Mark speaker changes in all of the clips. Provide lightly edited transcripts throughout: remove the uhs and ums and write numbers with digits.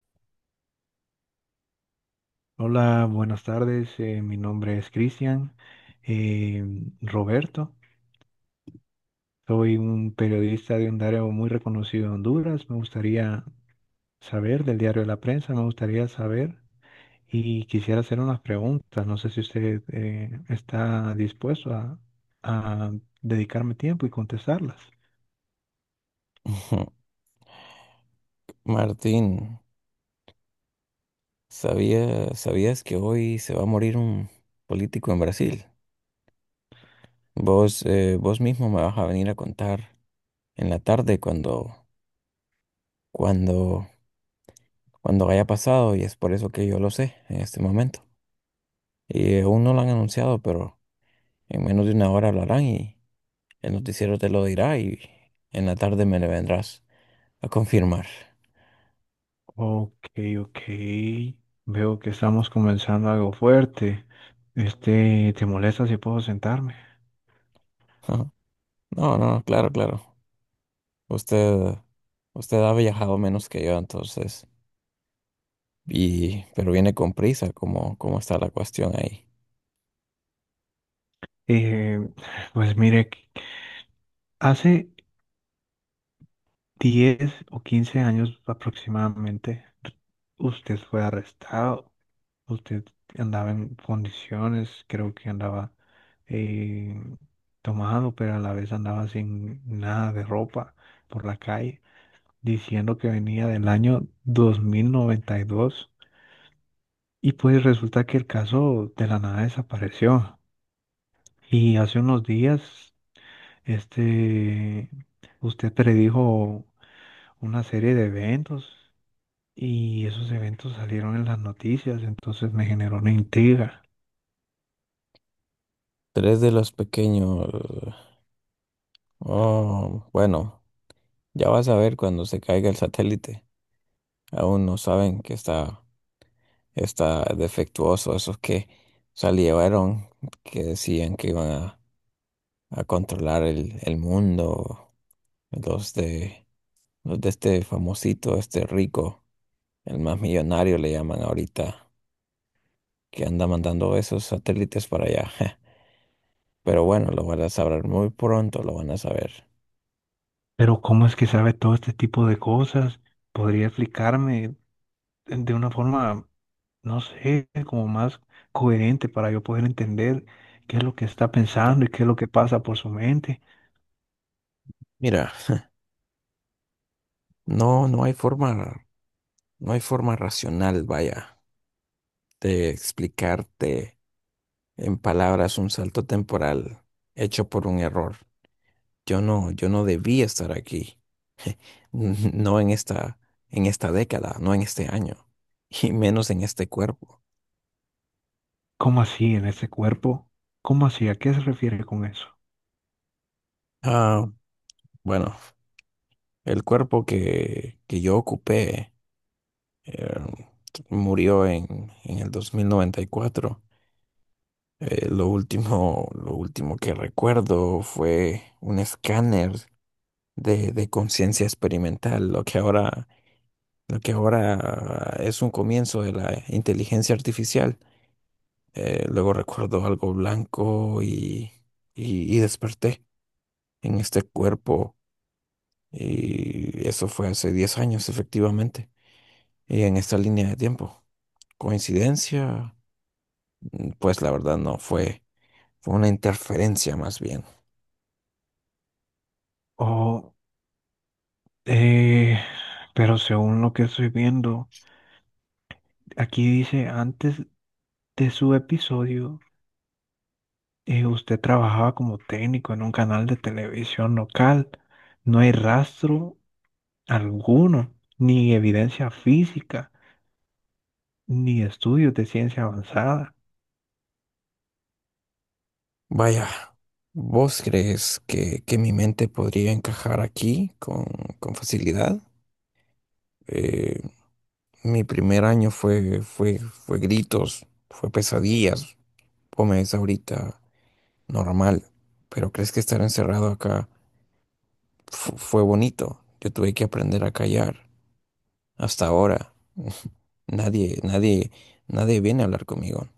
Speaker 1: Hola, buenas tardes. Mi nombre es Cristian eh, Roberto. Soy un periodista de un diario muy reconocido en Honduras. Me gustaría saber del diario de la prensa, me gustaría saber y quisiera hacer unas preguntas. No sé si usted está dispuesto a dedicarme tiempo y contestarlas.
Speaker 2: Ujú. Martín, ¿sabías que hoy se va a morir un político en Brasil? Vos, vos mismo me vas a venir a contar en la tarde cuando, cuando haya pasado, y es por eso que yo lo sé en este momento. Y aún no lo han anunciado, pero en menos de una hora hablarán y el noticiero te lo dirá, y en la tarde me le vendrás a confirmar.
Speaker 1: Ok, ok. Veo que estamos comenzando algo fuerte. Este, ¿te molesta si puedo sentarme?
Speaker 2: Ajá. No, no, claro, claro. Usted, usted ha viajado menos que yo entonces, y, pero viene con prisa. ¿Cómo, cómo está la cuestión ahí?
Speaker 1: Eh, pues mire. Hace 10 o 15 años aproximadamente, usted fue arrestado, usted andaba en condiciones, creo que andaba eh, tomado, pero a la vez andaba sin nada de ropa por la calle, diciendo que venía del año 2092. Y pues resulta que el caso de la nada desapareció. Y hace unos días, este, usted predijo una serie de eventos y esos eventos salieron en las noticias, entonces me generó una intriga.
Speaker 2: Tres de los pequeños. Oh, bueno, ya vas a ver cuando se caiga el satélite. Aún no saben que está defectuoso, esos que salieron, que decían que iban a controlar el mundo, los de, los de este famosito, este rico, el más millonario le llaman ahorita, que anda mandando esos satélites para allá. Pero bueno, lo van a saber muy pronto, lo van a saber.
Speaker 1: Pero ¿cómo es que sabe todo este tipo de cosas? ¿Podría explicarme de una forma, no sé, como más coherente para yo poder entender qué es lo que está pensando y qué es lo que pasa por su mente?
Speaker 2: Mira, no, no hay forma, no hay forma racional, vaya, de explicarte en palabras un salto temporal hecho por un error. Yo no debía estar aquí, no en esta, en esta década, no en este año, y menos en este cuerpo.
Speaker 1: ¿Cómo así en ese cuerpo? ¿Cómo así? ¿A qué se refiere con eso?
Speaker 2: Ah, bueno, el cuerpo que yo ocupé, eh, murió en el 2094. Lo último que recuerdo fue un escáner de conciencia experimental, lo que ahora es un comienzo de la inteligencia artificial. Luego recuerdo algo blanco y desperté en este cuerpo. Y eso fue hace 10 años, efectivamente, y en esta línea de tiempo. ¿Coincidencia? Mm, pues la verdad no, fue, fue una interferencia más bien.
Speaker 1: Oh, eh, pero según lo que estoy viendo, aquí dice antes de su episodio. Usted trabajaba como técnico en un canal de televisión local. No hay rastro alguno, ni evidencia física, ni estudios de ciencia avanzada.
Speaker 2: Vaya, ¿vos crees que mi mente podría encajar aquí con facilidad? Eh, mi primer año fue, fue gritos, fue pesadillas. Comes ahorita normal, pero ¿crees que estar encerrado acá fue bonito? Yo tuve que aprender a callar. Hasta ahora, nadie, nadie, nadie viene a hablar conmigo.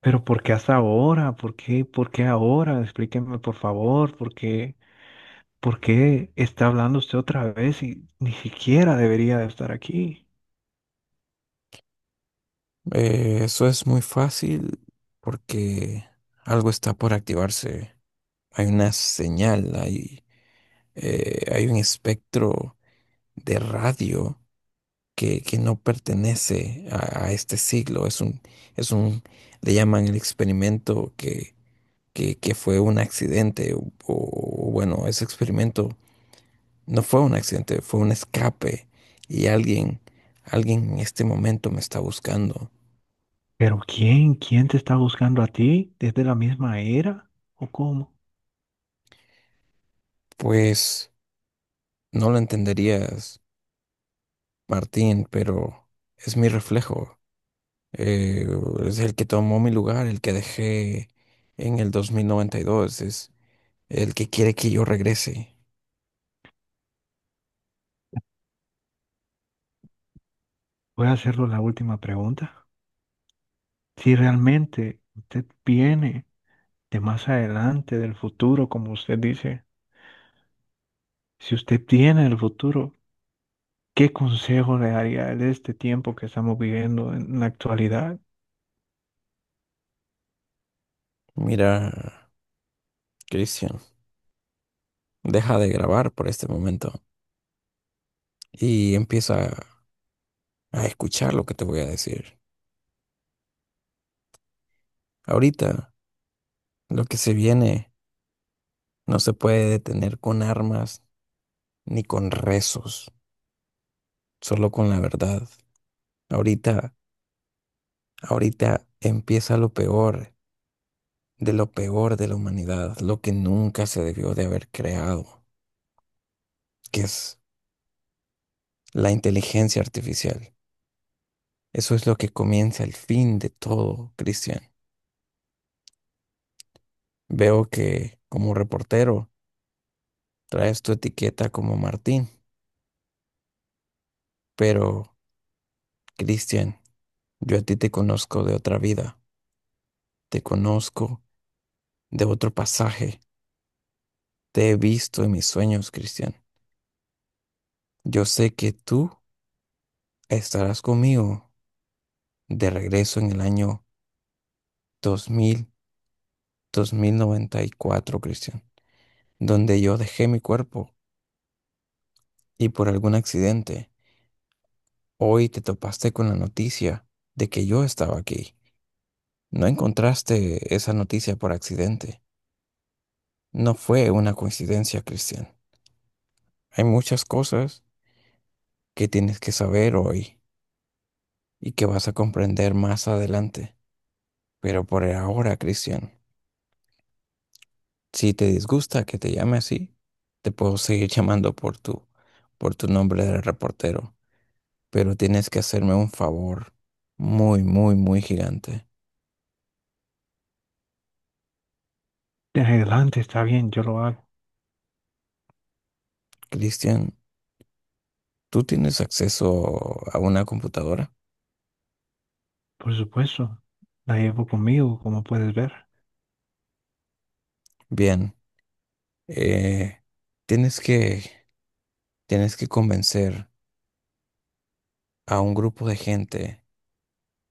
Speaker 1: Pero ¿por qué hasta ahora? Por qué ahora? Explíqueme, por favor, por qué está hablando usted otra vez y ni siquiera debería de estar aquí?
Speaker 2: Eso es muy fácil porque algo está por activarse. Hay una señal, hay, hay un espectro de radio que no pertenece a este siglo. Es un, le llaman el experimento que fue un accidente, o, bueno, ese experimento no fue un accidente, fue un escape y alguien, alguien en este momento me está buscando.
Speaker 1: ¿Pero quién? ¿Quién te está buscando a ti? ¿Desde la misma era? ¿O cómo?
Speaker 2: Pues no lo entenderías, Martín, pero es mi reflejo. Eh, es el que tomó mi lugar, el que dejé en el 2092 es el que quiere que yo regrese.
Speaker 1: Voy a hacerlo la última pregunta. Si realmente usted viene de más adelante, del futuro, como usted dice, si usted tiene el futuro, ¿qué consejo le daría de este tiempo que estamos viviendo en la actualidad?
Speaker 2: Mira, Cristian, deja de grabar por este momento y empieza a escuchar lo que te voy a decir. Ahorita, lo que se viene no se puede detener con armas ni con rezos, solo con la verdad. Ahorita, ahorita empieza lo peor de la humanidad, lo que nunca se debió de haber creado, que es la inteligencia artificial. Eso es lo que comienza el fin de todo, Cristian. Veo que como reportero traes tu etiqueta como Martín, pero Cristian, yo a ti te conozco de otra vida, te conozco de otro pasaje, te he visto en mis sueños, Cristian. Yo sé que tú estarás conmigo de regreso en el año dos mil noventa y cuatro, Cristian, donde yo dejé mi cuerpo, y por algún accidente, hoy te topaste con la noticia de que yo estaba aquí. No encontraste esa noticia por accidente. No fue una coincidencia, Cristian. Hay muchas cosas que tienes que saber hoy y que vas a comprender más adelante. Pero por ahora, Cristian, si te disgusta que te llame así, te puedo seguir llamando por tu nombre de reportero, pero tienes que hacerme un favor muy, muy, muy gigante.
Speaker 1: De adelante está bien, yo lo hago,
Speaker 2: Cristian, ¿tú tienes acceso a una computadora?
Speaker 1: por supuesto, la llevo conmigo, como puedes ver,
Speaker 2: Bien, eh, tienes que, tienes que convencer a un grupo de gente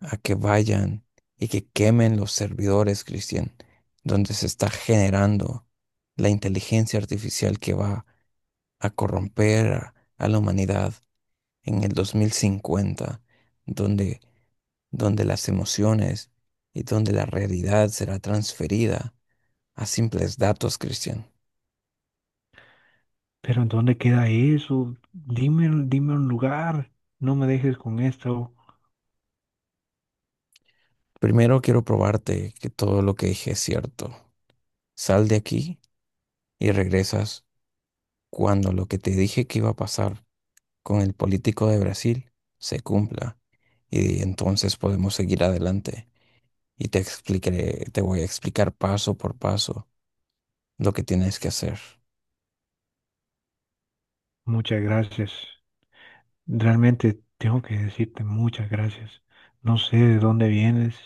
Speaker 2: a que vayan y que quemen los servidores, Cristian, donde se está generando la inteligencia artificial que va a corromper a la humanidad en el 2050, donde, donde las emociones y donde la realidad será transferida a simples datos, Cristian.
Speaker 1: pero ¿en dónde queda eso? Dime, dime un lugar, no me dejes con esto.
Speaker 2: Primero quiero probarte que todo lo que dije es cierto. Sal de aquí y regresas cuando lo que te dije que iba a pasar con el político de Brasil se cumpla, y entonces podemos seguir adelante y te explicaré, te voy a explicar paso por paso lo que tienes que hacer.
Speaker 1: Muchas gracias, realmente tengo que decirte muchas gracias. No sé de dónde vienes.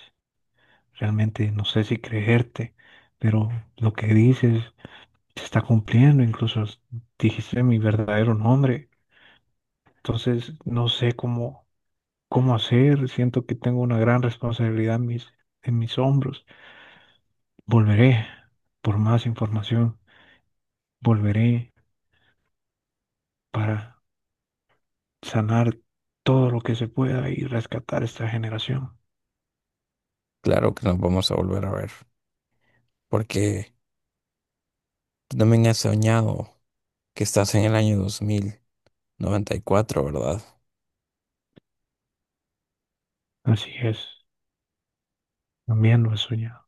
Speaker 1: Realmente no sé si creerte, pero lo que dices se está cumpliendo, incluso s- dijiste mi verdadero nombre. Entonces no sé cómo, cómo hacer, siento que tengo una gran responsabilidad en mis hombros. Volveré por más información, volveré para sanar todo lo que se pueda y rescatar esta generación.
Speaker 2: Claro que nos vamos a volver a ver, porque tú también has soñado que estás en el año 2094, ¿verdad?
Speaker 1: Así es, también lo he soñado.